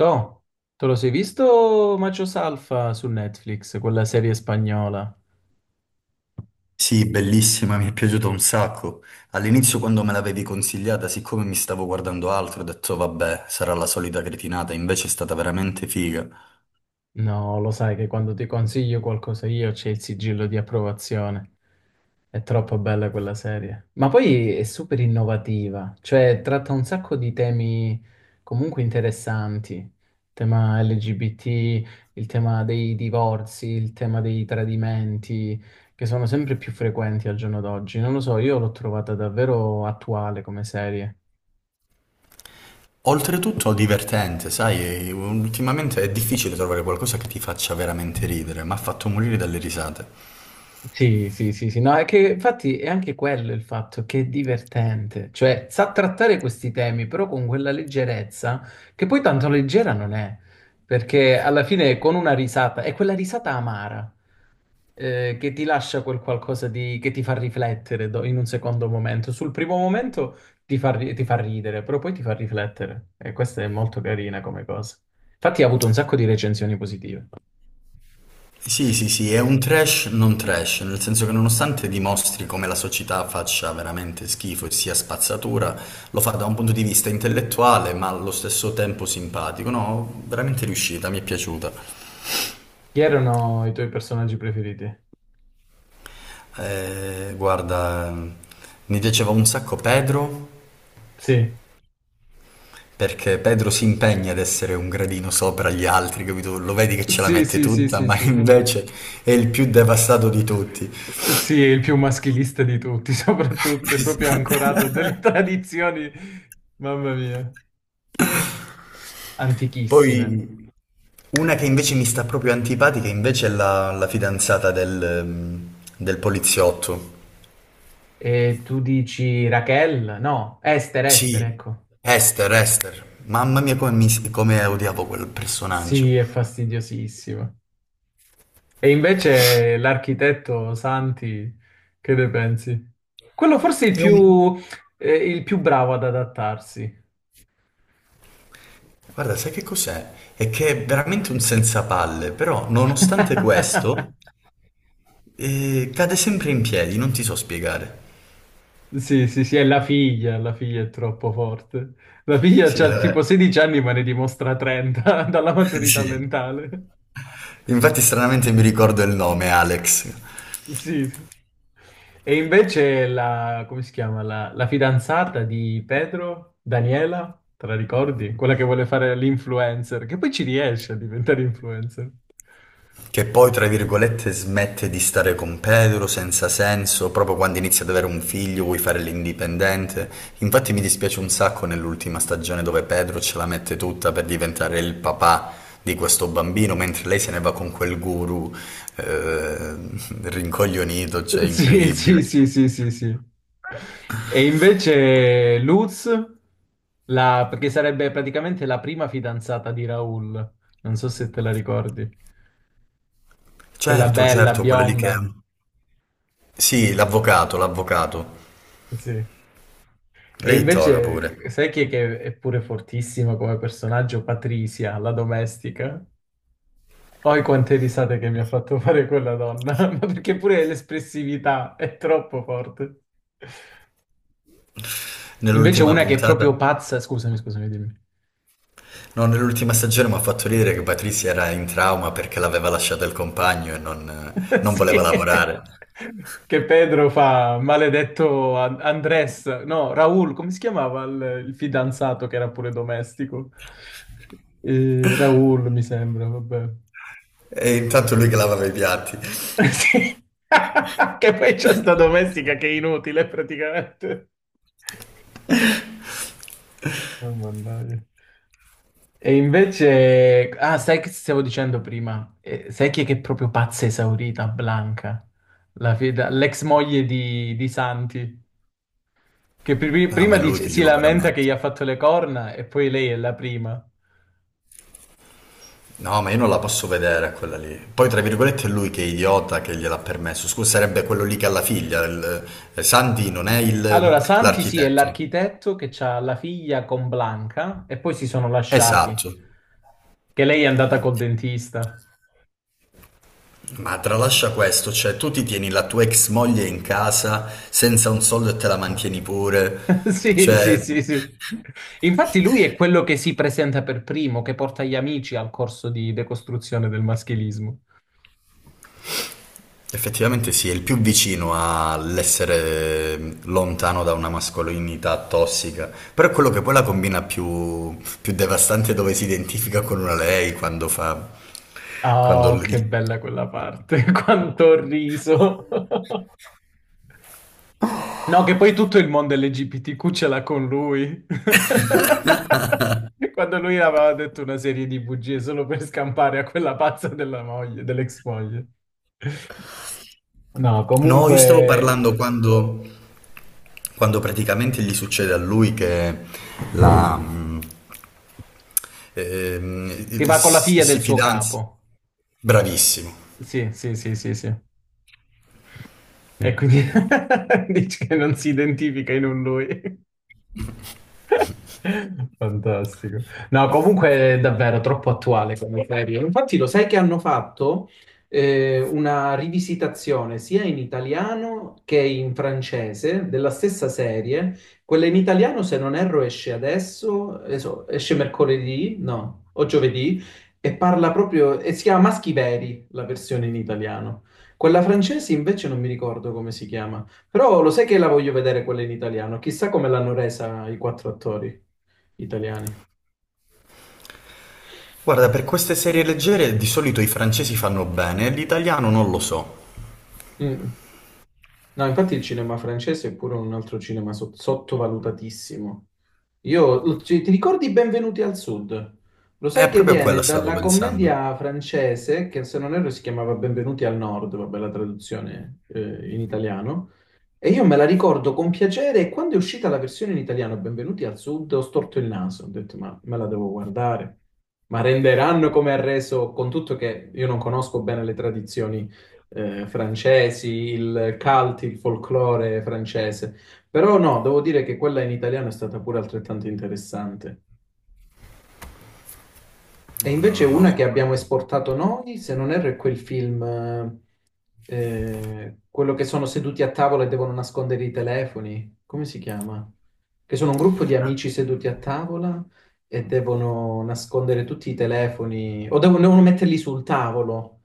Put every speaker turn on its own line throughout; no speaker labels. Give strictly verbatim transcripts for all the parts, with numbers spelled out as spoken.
Toh, te lo sei visto Machos Alfa su Netflix, quella serie spagnola?
Sì, bellissima, mi è piaciuta un sacco. All'inizio quando me l'avevi consigliata, siccome mi stavo guardando altro, ho detto vabbè, sarà la solita cretinata, invece è stata veramente figa.
No, lo sai che quando ti consiglio qualcosa io c'è il sigillo di approvazione. È troppo bella quella serie. Ma poi è super innovativa, cioè tratta un sacco di temi comunque interessanti. Il tema L G B T, il tema dei divorzi, il tema dei tradimenti, che sono sempre più frequenti al giorno d'oggi. Non lo so, io l'ho trovata davvero attuale come serie.
Oltretutto divertente, sai, ultimamente è difficile trovare qualcosa che ti faccia veramente ridere, ma ha fatto morire dalle risate.
Sì, sì, sì, sì, no, è che infatti è anche quello il fatto che è divertente, cioè sa trattare questi temi però con quella leggerezza che poi tanto leggera non è, perché alla fine con una risata, è quella risata amara eh, che ti lascia quel qualcosa di, che ti fa riflettere do- in un secondo momento, sul primo momento ti fa, ri- ti fa ridere, però poi ti fa riflettere e questa è molto carina come cosa. Infatti ha avuto un sacco di recensioni positive.
Sì, sì, sì, è un trash non trash, nel senso che nonostante dimostri come la società faccia veramente schifo e sia spazzatura, lo fa da un punto di vista intellettuale, ma allo stesso tempo simpatico. No, veramente riuscita, mi è piaciuta.
Chi erano i tuoi personaggi preferiti?
Eh, guarda, mi piaceva un sacco Pedro,
Sì.
perché Pedro si impegna ad essere un gradino sopra gli altri, capito? Lo vedi che ce la
Sì,
mette
sì, sì,
tutta,
sì,
ma
sì.
invece è il più devastato di tutti.
Sì, è il più maschilista di tutti, soprattutto, è proprio ancorato a delle tradizioni, mamma mia, antichissime.
Poi una che invece mi sta proprio antipatica invece è la, la fidanzata del, ehm, del poliziotto.
E tu dici Raquel? No, Esther, Esther,
Sì,
ecco.
Esther, Esther. Mamma mia come, mi- come odiavo quel personaggio.
Sì, è fastidiosissimo. E invece l'architetto Santi, che ne pensi? Quello forse è il
È un...
più, eh, il più bravo ad adattarsi.
Guarda, sai che cos'è? È che è veramente un senzapalle, però nonostante questo eh, cade sempre in piedi, non ti so spiegare.
Sì, sì, sì, è la figlia, la figlia è troppo forte. La figlia
Sì,
ha tipo
la-
sedici anni ma ne dimostra trenta dalla maturità
sì.
mentale.
Infatti stranamente mi ricordo il nome, Alex.
Sì, sì. E invece la, come si chiama? La, la fidanzata di Pedro, Daniela, te la ricordi? Quella che vuole fare l'influencer, che poi ci riesce a diventare influencer.
Che poi, tra virgolette, smette di stare con Pedro senza senso, proprio quando inizia ad avere un figlio, vuoi fare l'indipendente. Infatti mi dispiace un sacco nell'ultima stagione dove Pedro ce la mette tutta per diventare il papà di questo bambino, mentre lei se ne va con quel guru eh, rincoglionito, cioè
Sì, sì,
incredibile.
sì, sì, sì, sì. E invece Luz, la- perché sarebbe praticamente la prima fidanzata di Raul, non so se te la ricordi, quella
Certo,
bella,
certo, quella lì che...
bionda.
Sì, l'avvocato, l'avvocato.
Sì. E
Lei è toga pure.
invece, sai chi è che è pure fortissima come personaggio? Patricia, la domestica. Poi quante risate che mi ha fatto fare quella donna, ma perché pure l'espressività è troppo forte. Invece
Nell'ultima
una che è
puntata.
proprio pazza, scusami, scusami, dimmi.
No, nell'ultima stagione mi ha fatto ridere che Patrizia era in trauma perché l'aveva lasciata il compagno e non, non voleva
Sì.
lavorare.
Che Pedro fa maledetto An- Andrés, no, Raul, come si chiamava il, il fidanzato che era pure domestico? Eh, Raul, mi sembra, vabbè.
E intanto lui che lavava i piatti.
Sì. Che poi c'è sta domestica che è inutile praticamente. Oh, mannaggia. E invece, ah, sai che stavo dicendo prima? Eh, sai chi è che è proprio pazza esaurita, Blanca, La fida- l'ex moglie di, di Santi, che pri-
Ah,
prima
ma è lui
dice-
che
si
glielo
lamenta che gli ha
permette.
fatto le corna e poi lei è la prima.
No, ma io non la posso vedere quella lì. Poi, tra virgolette, è lui che è idiota che gliel'ha permesso. Scusa, sarebbe quello lì che ha la figlia. il- eh, Sandy non è il-
Allora, Santi sì, è
l'architetto.
l'architetto che ha la figlia con Blanca e poi si sono lasciati,
Esatto.
che lei è andata col dentista.
Ma tralascia questo, cioè tu ti tieni la tua ex moglie in casa senza un soldo e te la mantieni pure.
Sì, sì,
Cioè,
sì, sì. Infatti lui è quello che si presenta per primo, che porta gli amici al corso di decostruzione del maschilismo.
effettivamente sì, è il più vicino all'essere lontano da una mascolinità tossica, però è quello che poi la combina più, più devastante dove si identifica con una lei quando fa... quando
Oh, che
gli-
bella quella parte, quanto ho riso. No, che poi tutto il mondo L G B T Q ce l'ha con lui. Quando lui aveva detto una serie di bugie solo per scampare a quella pazza della moglie, dell'ex moglie. No,
No, io stavo
comunque,
parlando quando, quando praticamente gli succede a lui che la, mm, ehm,
che
il-
va con la
si
figlia del
si
suo
fidanza.
capo.
Bravissimo.
Sì, sì, sì, sì, sì. E quindi dici che non si identifica in un lui. Fantastico. No, comunque è davvero troppo attuale come serie. Infatti lo sai che hanno fatto eh, una rivisitazione sia in italiano che in francese della stessa serie. Quella in italiano, se non erro, esce adesso, adesso esce mercoledì, no, o giovedì, e parla proprio, e si chiama Maschi Veri, la versione in italiano. Quella francese invece non mi ricordo come si chiama. Però lo sai che la voglio vedere quella in italiano? Chissà come l'hanno resa i quattro attori italiani.
Guarda, per queste serie leggere di solito i francesi fanno bene, l'italiano non lo so.
Mm. No, infatti il cinema francese è pure un altro cinema sot- sottovalutatissimo. Io, ci- ti ricordi Benvenuti al Sud? Lo sai
È
che
proprio a
viene
quella stavo
dalla
pensando.
commedia francese, che se non erro si chiamava Benvenuti al Nord, vabbè la traduzione eh, in italiano. E io me la ricordo con piacere e quando è uscita la versione in italiano Benvenuti al Sud ho storto il naso, ho detto ma me la devo guardare, ma renderanno come ha reso, con tutto che io non conosco bene le tradizioni eh, francesi, il cult, il folklore francese, però no, devo dire che quella in italiano è stata pure altrettanto interessante. E
No, no,
invece
no, no,
una che
sono
abbiamo
d'accordo.
esportato noi, se non erro, è quel film eh, eh, quello che sono seduti a tavola e devono nascondere i telefoni, come si chiama? Che sono un gruppo di amici seduti a tavola e devono nascondere tutti i telefoni o devono, devono metterli sul tavolo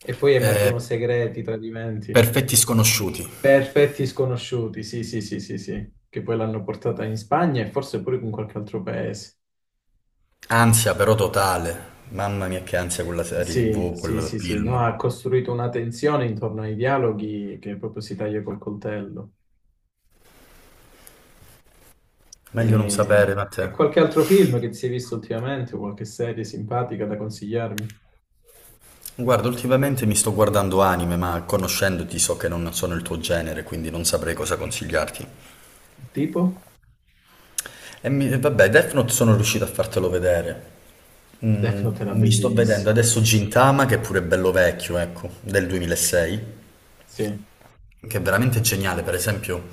e poi emergono
Eh,
segreti, tradimenti.
Perfetti sconosciuti.
Perfetti sconosciuti, sì, sì, sì, sì, sì, che poi l'hanno portata in Spagna e forse pure in qualche altro paese.
Ansia però totale. Mamma mia che ansia quella serie
Sì,
ti vu,
sì,
quel
sì, sì, no,
film.
ha costruito una tensione intorno ai dialoghi che proprio si taglia col coltello.
Meglio non
E,
sapere, ma
e
te.
qualche altro film che ti sei visto ultimamente o qualche serie simpatica da consigliarmi?
Guarda, ultimamente mi sto guardando anime, ma conoscendoti so che non sono il tuo genere, quindi non saprei cosa consigliarti.
Tipo?
E mi- e vabbè, Death Note sono riuscito a fartelo vedere.
Death
Mm,
Note era
mi sto vedendo
bellissimo.
adesso Gintama, che è pure bello vecchio, ecco, del duemilasei.
Sì,
Che è veramente geniale, per esempio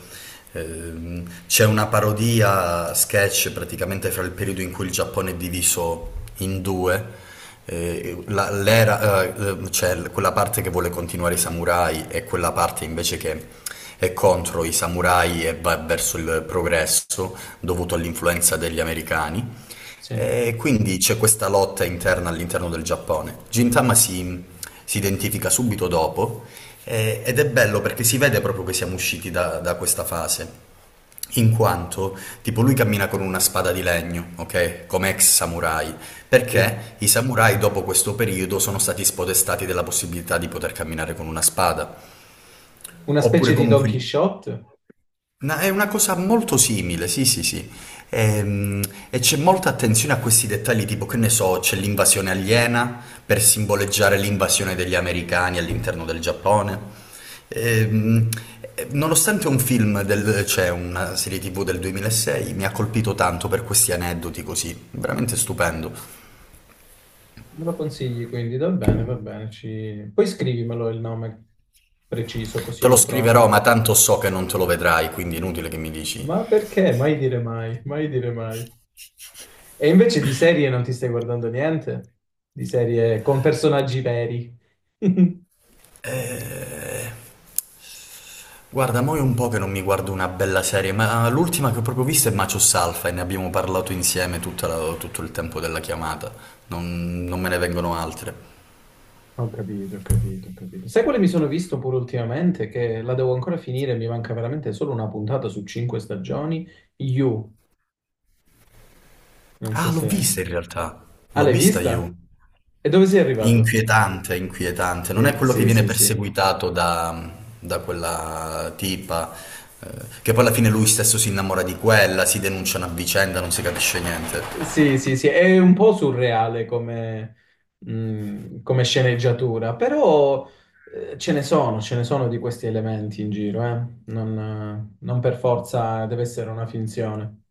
ehm, c'è una parodia sketch praticamente fra il periodo in cui il Giappone è diviso in due, eh, la- l'era, eh, eh, c'è l- quella parte che vuole continuare i samurai e quella parte invece che è contro i samurai e va verso il progresso dovuto all'influenza degli americani.
sì,
E quindi c'è questa lotta interna all'interno del Giappone. Gintama si, si identifica subito dopo eh, ed è bello perché si vede proprio che siamo usciti da, da questa fase, in quanto tipo lui cammina con una spada di legno, ok? Come ex samurai,
sì.
perché i samurai dopo questo periodo sono stati spodestati della possibilità di poter camminare con una spada,
Una
oppure
specie di Don
comunque...
Quixote?
Na- è una cosa molto simile, sì, sì, sì. Ehm, E, c'è molta attenzione a questi dettagli, tipo che ne so, c'è l'invasione aliena per simboleggiare l'invasione degli americani all'interno del Giappone. Ehm, eh, nonostante un film del, cioè una serie ti vu del duemilasei, mi ha colpito tanto per questi aneddoti così, veramente stupendo.
Me lo consigli quindi? Va bene, va bene. Ci... Poi scrivimelo il nome preciso così
Te lo
lo
scriverò,
trovo.
ma tanto so che non te lo vedrai, quindi inutile che mi dici.
Ma perché? Mai dire mai, mai dire mai. E invece di serie non ti stai guardando niente? Di serie con personaggi veri?
Eh, Guarda, mo è un po' che non mi guardo una bella serie, ma l'ultima che ho proprio vista è Macho Salfa e ne abbiamo parlato insieme tutta la- tutto il tempo della chiamata. Non, non me ne vengono altre.
Ho capito, ho capito, ho capito. Sai quale mi sono visto pure ultimamente? Che la devo ancora finire, mi manca veramente solo una puntata su cinque stagioni. You, non so
Ah, l'ho
se...
vista in realtà.
Ah,
L'ho
l'hai
vista io.
vista? E dove sei arrivato?
Inquietante, inquietante. Non è
Sì,
quello che
sì,
viene
sì, sì.
perseguitato da, da quella tipa, eh, che poi alla fine lui stesso si innamora di quella, si denunciano a vicenda, non si capisce niente.
Sì, sì, sì, è un po' surreale come, mh, come sceneggiatura, però eh, ce ne sono, ce ne sono di questi elementi in giro, eh. Non, eh, non per forza deve essere una finzione.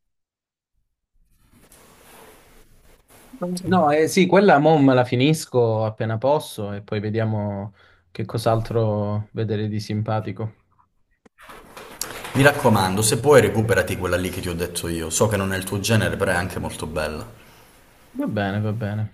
No, eh, sì, quella mo me la finisco appena posso e poi vediamo che cos'altro vedere di simpatico.
Mi raccomando, se puoi recuperati quella lì che ti ho detto io. So che non è il tuo genere, però è anche molto bella.
Va bene, va bene.